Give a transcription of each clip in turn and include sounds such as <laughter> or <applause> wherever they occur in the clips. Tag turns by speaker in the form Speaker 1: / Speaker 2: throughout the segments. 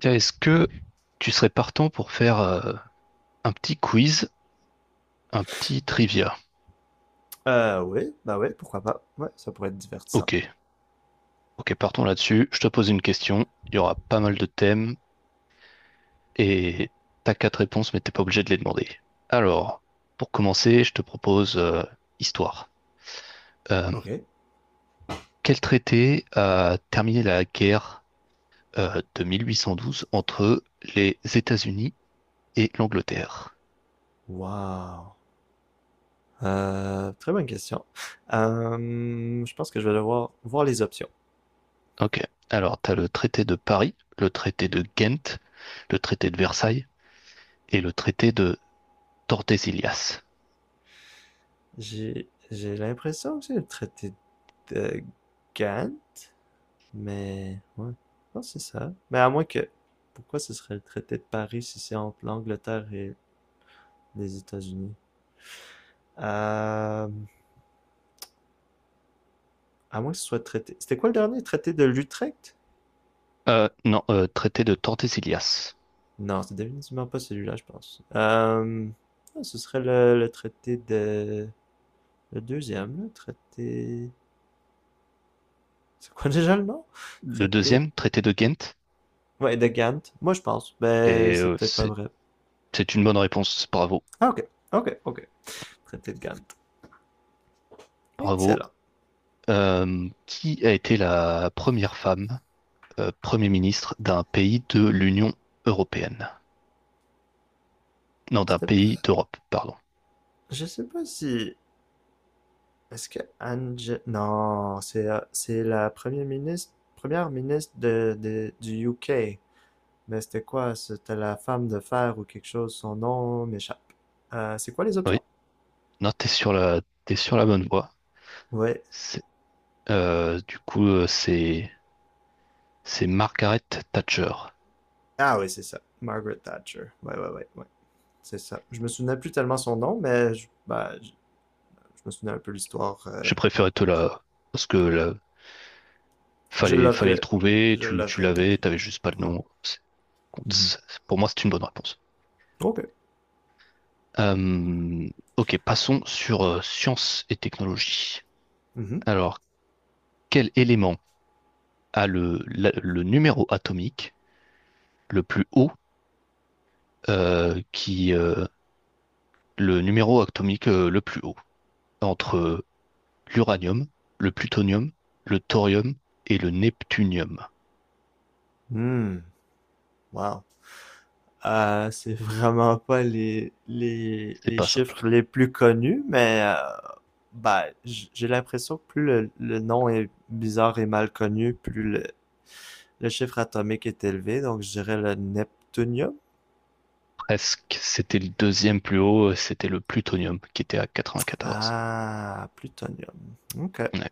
Speaker 1: Tiens, est-ce que tu serais partant pour faire un petit quiz, un petit trivia?
Speaker 2: Oui, bah oui, pourquoi pas. Ouais, ça pourrait être divertissant.
Speaker 1: Ok, ok, partons là-dessus. Je te pose une question. Il y aura pas mal de thèmes et t'as quatre réponses, mais t'es pas obligé de les demander. Alors, pour
Speaker 2: Oh,
Speaker 1: commencer, je te propose histoire. Euh,
Speaker 2: ok.
Speaker 1: quel traité a terminé la guerre de 1812 entre les États-Unis et l'Angleterre?
Speaker 2: Wow. Très bonne question. Je pense que je vais devoir voir les options.
Speaker 1: Ok, alors t'as le traité de Paris, le traité de Ghent, le traité de Versailles, et le traité de Tordesillas.
Speaker 2: J'ai l'impression que c'est le traité de Gann, mais ouais, je pense que c'est ça. Mais à moins que, pourquoi ce serait le traité de Paris si c'est entre l'Angleterre et les États-Unis? Euh, à moins que ce soit le traité. C'était quoi le dernier? Traité de L'Utrecht?
Speaker 1: Non, traité de Tordesillas.
Speaker 2: Non, c'est définitivement pas celui-là, je pense. Ah, ce serait le traité de... Le deuxième, le traité... C'est quoi déjà le nom?
Speaker 1: Le
Speaker 2: Traité...
Speaker 1: deuxième, traité de Ghent.
Speaker 2: Ouais, de Gand. Moi, je pense. Ben,
Speaker 1: Et
Speaker 2: c'est peut-être pas vrai.
Speaker 1: c'est une bonne réponse. Bravo.
Speaker 2: Ah, ok. Ok, ok. Traité de Gand.
Speaker 1: Bravo.
Speaker 2: Excellent.
Speaker 1: Qui a été la première femme Premier ministre d'un pays de l'Union européenne. Non, d'un
Speaker 2: C'était pas...
Speaker 1: pays d'Europe, pardon.
Speaker 2: Je sais pas si... Est-ce que Ange... Non, c'est la première ministre... Première ministre du UK. Mais c'était quoi? C'était la femme de fer ou quelque chose. Son nom m'échappe. C'est quoi les
Speaker 1: Oui,
Speaker 2: options?
Speaker 1: non, t'es sur la bonne voie.
Speaker 2: Ouais.
Speaker 1: C'est- du coup, c'est Margaret Thatcher.
Speaker 2: Ah oui, c'est ça. Margaret Thatcher. Ouais, ouais, ouais, ouais. C'est ça. Je me souvenais plus tellement son nom, mais bah, je me souvenais un peu l'histoire. euh,
Speaker 1: Je
Speaker 2: ouais.
Speaker 1: préférais te la, parce que la,
Speaker 2: Je
Speaker 1: fallait, fallait le
Speaker 2: l'aurais.
Speaker 1: trouver,
Speaker 2: Je
Speaker 1: tu
Speaker 2: l'aurais
Speaker 1: l'avais, t'avais
Speaker 2: deviné.
Speaker 1: juste pas
Speaker 2: Wow.
Speaker 1: le nom.
Speaker 2: Mhm.
Speaker 1: C'est- Pour moi, c'est une bonne réponse.
Speaker 2: OK.
Speaker 1: Euh, ok, passons sur sciences et technologies.
Speaker 2: Mhm.
Speaker 1: Alors, quel élément a le numéro atomique le plus haut, euh, qui, euh, le numéro atomique le plus haut, entre l'uranium, le plutonium, le thorium et le neptunium?
Speaker 2: Hmm. Wow. C'est vraiment pas les, les,
Speaker 1: C'est
Speaker 2: les
Speaker 1: pas simple.
Speaker 2: chiffres les plus connus, mais bah, j'ai l'impression que plus le nom est bizarre et mal connu, plus le chiffre atomique est élevé. Donc, je dirais le neptunium.
Speaker 1: Presque, c'était le deuxième plus haut, c'était le plutonium qui était à 94.
Speaker 2: Ah, plutonium. Ok.
Speaker 1: Ouais.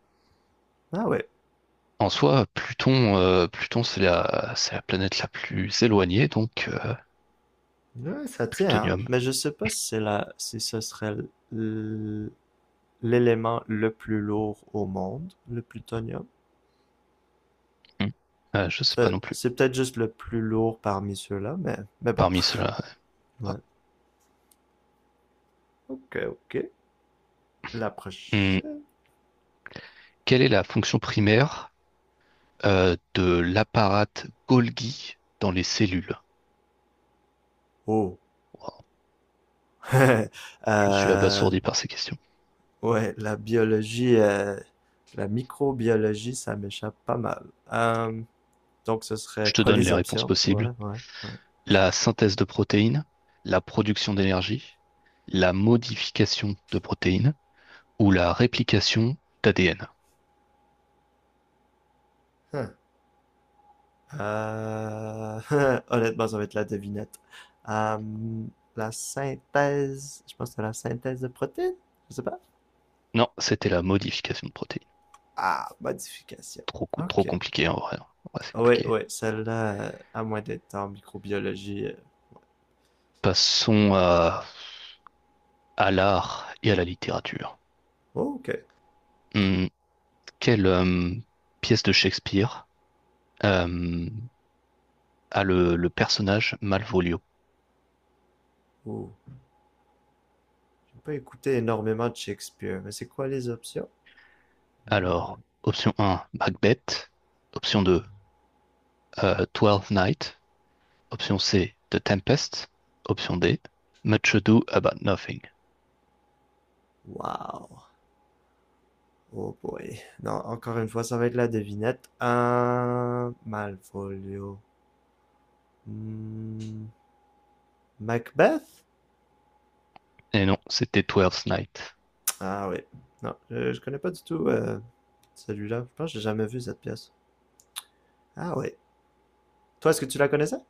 Speaker 2: Ah ouais.
Speaker 1: En soi, Pluton, c'est c'est la planète la plus éloignée, donc
Speaker 2: Ouais, ça tient, hein.
Speaker 1: plutonium.
Speaker 2: Mais je sais pas si c'est la, si ce serait l- l'élément le plus lourd au monde, le plutonium.
Speaker 1: Hmm. Je sais pas non plus.
Speaker 2: C'est peut-être juste le plus lourd parmi ceux-là, mais bon.
Speaker 1: Parmi ceux-là. Ouais.
Speaker 2: Ouais. Ok, ok. La
Speaker 1: Hmm.
Speaker 2: prochaine.
Speaker 1: Quelle est la fonction primaire de l'apparate Golgi dans les cellules?
Speaker 2: Oh.
Speaker 1: Wow,
Speaker 2: <laughs>
Speaker 1: je suis
Speaker 2: Euh,
Speaker 1: abasourdi par ces questions.
Speaker 2: ouais, la biologie, la microbiologie, ça m'échappe pas mal. Euh, donc ce serait
Speaker 1: Je te
Speaker 2: quoi
Speaker 1: donne
Speaker 2: les
Speaker 1: les réponses
Speaker 2: options?
Speaker 1: possibles.
Speaker 2: Ouais, ouais,
Speaker 1: La synthèse de protéines, la production d'énergie, la modification de protéines ou la réplication d'ADN.
Speaker 2: ouais. Euh, <laughs> Honnêtement, ça va être la devinette. Euh, la synthèse, je pense que c'est la synthèse de protéines, je sais pas.
Speaker 1: Non, c'était la modification de protéines.
Speaker 2: Ah, modification.
Speaker 1: Trop
Speaker 2: Ok.
Speaker 1: compliqué en vrai. En C'est
Speaker 2: Oui,
Speaker 1: compliqué.
Speaker 2: oui, celle-là, à moins d'être en microbiologie.
Speaker 1: Passons à l'art et à la littérature.
Speaker 2: Oh, ok.
Speaker 1: Hum, quelle pièce de Shakespeare euh, a le personnage Malvolio?
Speaker 2: Oh, j'ai pas écouté énormément de Shakespeare, mais c'est quoi les options? Malvolu.
Speaker 1: Alors, option un, Macbeth. Option 2, Twelfth Night. Option C, The Tempest. Option D, Much Ado About Nothing.
Speaker 2: Wow. Oh boy. Non, encore une fois, ça va être la devinette. Malvolio. Hmm, Macbeth?
Speaker 1: Et non, c'était Twelfth Night.
Speaker 2: Ah oui. Non, je connais pas du tout celui-là. Je pense que j'ai jamais vu cette pièce. Ah oui. Toi, est-ce que tu la connaissais?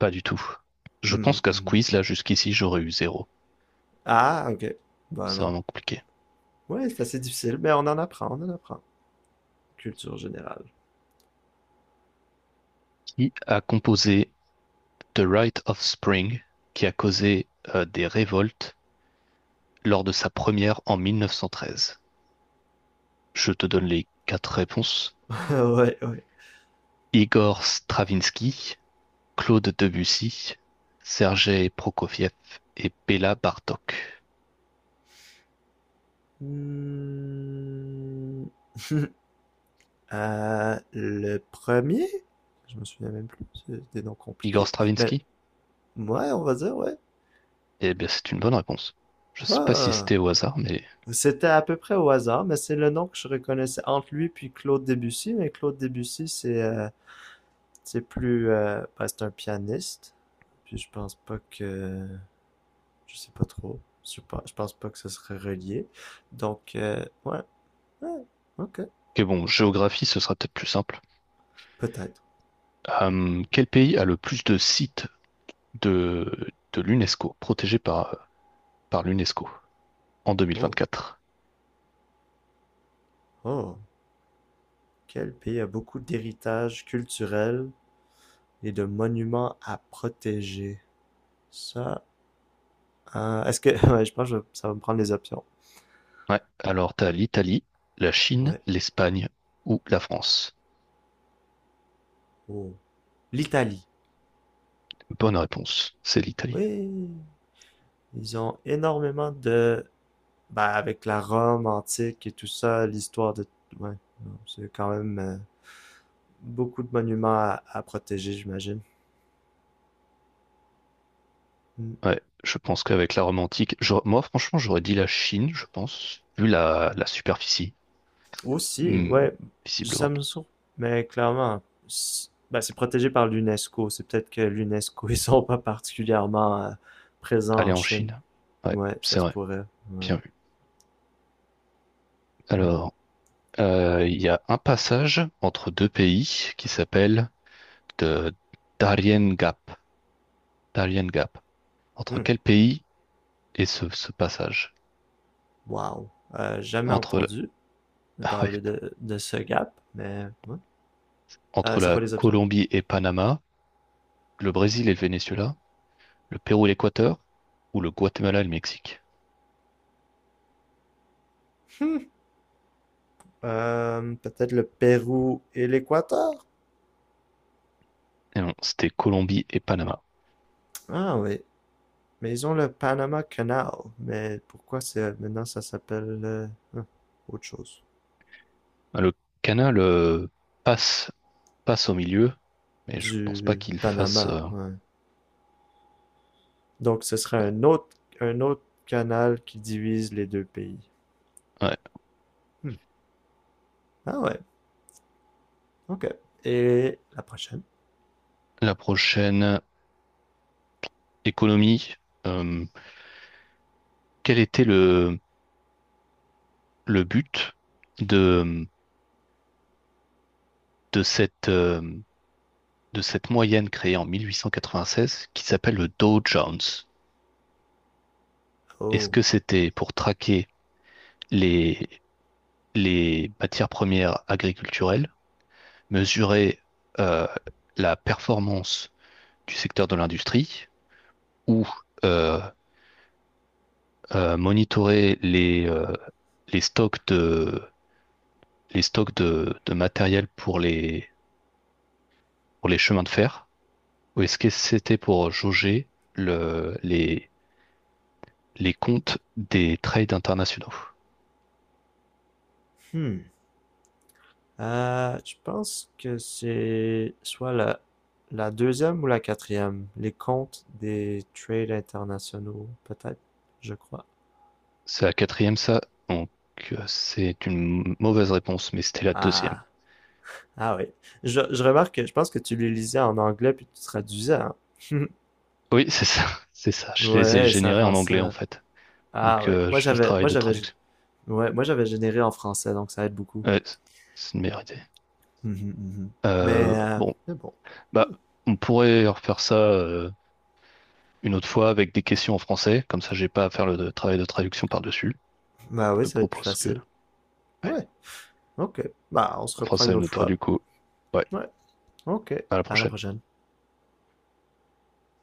Speaker 1: Pas du tout. Je pense
Speaker 2: Mhm,
Speaker 1: qu'à ce
Speaker 2: mhm.
Speaker 1: quiz, là, jusqu'ici, j'aurais eu zéro.
Speaker 2: Ah, ok. Bah
Speaker 1: C'est
Speaker 2: non.
Speaker 1: vraiment compliqué.
Speaker 2: Ouais, c'est assez difficile, mais on en apprend, on en apprend. Culture générale.
Speaker 1: Qui a composé The Rite of Spring, qui a causé des révoltes lors de sa première en 1913? Je te donne les quatre réponses.
Speaker 2: <laughs> Ouais, ouais.
Speaker 1: Igor Stravinsky, Claude Debussy, Sergei Prokofiev et Béla Bartok.
Speaker 2: Hmm. <laughs> Le premier? Je me souviens même plus. C'est des noms
Speaker 1: Igor
Speaker 2: compliqués. Mais
Speaker 1: Stravinsky?
Speaker 2: ouais, on va dire, ouais.
Speaker 1: Eh bien, c'est une bonne réponse. Je sais pas si
Speaker 2: Ah!
Speaker 1: c'était au hasard, mais...
Speaker 2: C'était à peu près au hasard, mais c'est le nom que je reconnaissais entre lui puis Claude Debussy. Mais Claude Debussy, c'est plus... ben, c'est un pianiste. Puis je pense pas que... Je sais pas trop. Je pense pas que ce serait relié. Donc, ouais. Ouais. Ok.
Speaker 1: Ok, bon, géographie, ce sera peut-être plus simple.
Speaker 2: Peut-être.
Speaker 1: Quel pays a le plus de sites de l'UNESCO, protégés par, par l'UNESCO en deux mille
Speaker 2: Oh.
Speaker 1: vingt-quatre.
Speaker 2: Oh. Quel pays a beaucoup d'héritage culturel et de monuments à protéger? Ça... est-ce que... <laughs> Ouais, je pense que ça va me prendre les options.
Speaker 1: Ouais, alors t'as l'Italie, la Chine,
Speaker 2: Ouais.
Speaker 1: l'Espagne ou la France.
Speaker 2: Oh. L'Italie.
Speaker 1: Bonne réponse, c'est l'Italie.
Speaker 2: Oui, ils ont énormément de... Ben, avec la Rome antique et tout ça, l'histoire de... Ouais, non, c'est quand même beaucoup de monuments à protéger, j'imagine. Mm.
Speaker 1: Ouais, je pense qu'avec la Rome antique, moi franchement j'aurais dit la Chine, je pense, vu la superficie,
Speaker 2: Aussi,
Speaker 1: hmm,
Speaker 2: ouais, ça
Speaker 1: visiblement.
Speaker 2: me sur... Mais clairement, c'est ben, c'est protégé par l'UNESCO. C'est peut-être que l'UNESCO, ils sont pas particulièrement présents
Speaker 1: Aller
Speaker 2: en
Speaker 1: en
Speaker 2: Chine.
Speaker 1: Chine. Ouais,
Speaker 2: Ouais, ça
Speaker 1: c'est
Speaker 2: se
Speaker 1: vrai,
Speaker 2: pourrait. Ouais.
Speaker 1: bien vu.
Speaker 2: Mm.
Speaker 1: Alors, il y a un passage entre deux pays qui s'appelle de Darien Gap. Darien Gap. Entre
Speaker 2: Mm.
Speaker 1: quel pays est ce passage?
Speaker 2: Wow. Jamais
Speaker 1: Entre la,
Speaker 2: entendu
Speaker 1: <laughs> ouais,
Speaker 2: parler de ce gap, mais ouais.
Speaker 1: entre
Speaker 2: C'est quoi
Speaker 1: la
Speaker 2: les options?
Speaker 1: Colombie et Panama, le Brésil et le Venezuela, le Pérou et l'Équateur ou le Guatemala et le Mexique?
Speaker 2: Peut-être le Pérou et l'Équateur?
Speaker 1: Et non, c'était Colombie et Panama.
Speaker 2: Ah oui. Mais ils ont le Panama Canal. Mais pourquoi c'est maintenant ça s'appelle hein, autre chose?
Speaker 1: Ah, le canal passe, passe au milieu, mais je pense pas
Speaker 2: Du
Speaker 1: qu'il fasse.
Speaker 2: Panama, ouais. Donc ce serait un autre canal qui divise les deux pays.
Speaker 1: Ouais.
Speaker 2: Hmm. Ah ouais, ok. Et la prochaine?
Speaker 1: La prochaine, économie. euh, Quel était le but de, de cette, euh, de cette moyenne créée en 1896 qui s'appelle le Dow Jones. Est-ce
Speaker 2: Oh.
Speaker 1: que c'était pour traquer les, les matières premières agriculturelles, mesurer euh, la performance du secteur de l'industrie ou euh, monitorer les stocks les stocks de matériel pour pour les chemins de fer? Ou est-ce que c'était pour jauger le, les, les comptes des trades internationaux.
Speaker 2: Hmm. Je pense que c'est soit la deuxième ou la quatrième. Les comptes des trades internationaux, peut-être, je crois.
Speaker 1: C'est la quatrième, ça. Donc, c'est une mauvaise réponse, mais c'était la deuxième.
Speaker 2: Ah, ah oui. Je remarque que je pense que tu les lisais en anglais puis tu traduisais, hein. <laughs>
Speaker 1: Oui, c'est ça. <laughs> C'est ça. Je les ai
Speaker 2: Ouais, ça
Speaker 1: générés
Speaker 2: rend
Speaker 1: en anglais, en
Speaker 2: ça.
Speaker 1: fait.
Speaker 2: Ah
Speaker 1: Donc,
Speaker 2: oui.
Speaker 1: je fais le travail de traduction.
Speaker 2: Ouais, moi j'avais généré en français, donc ça aide beaucoup.
Speaker 1: Ouais, c'est c'est une meilleure idée.
Speaker 2: Mhm, mhm. Mais, euh,
Speaker 1: Bon,
Speaker 2: mais bon.
Speaker 1: bah,
Speaker 2: Mmh.
Speaker 1: on pourrait refaire ça. Une autre fois avec des questions en français. Comme ça, j'ai pas à faire le travail de traduction par-dessus.
Speaker 2: Bah
Speaker 1: Je
Speaker 2: oui,
Speaker 1: te
Speaker 2: ça va être plus
Speaker 1: propose que,
Speaker 2: facile.
Speaker 1: ouais,
Speaker 2: Ouais, ok. Bah, on se
Speaker 1: on fera
Speaker 2: reprend
Speaker 1: ça
Speaker 2: une
Speaker 1: une
Speaker 2: autre
Speaker 1: autre fois
Speaker 2: fois.
Speaker 1: du coup. Ouais,
Speaker 2: Ouais, ok.
Speaker 1: à la
Speaker 2: À la
Speaker 1: prochaine.
Speaker 2: prochaine.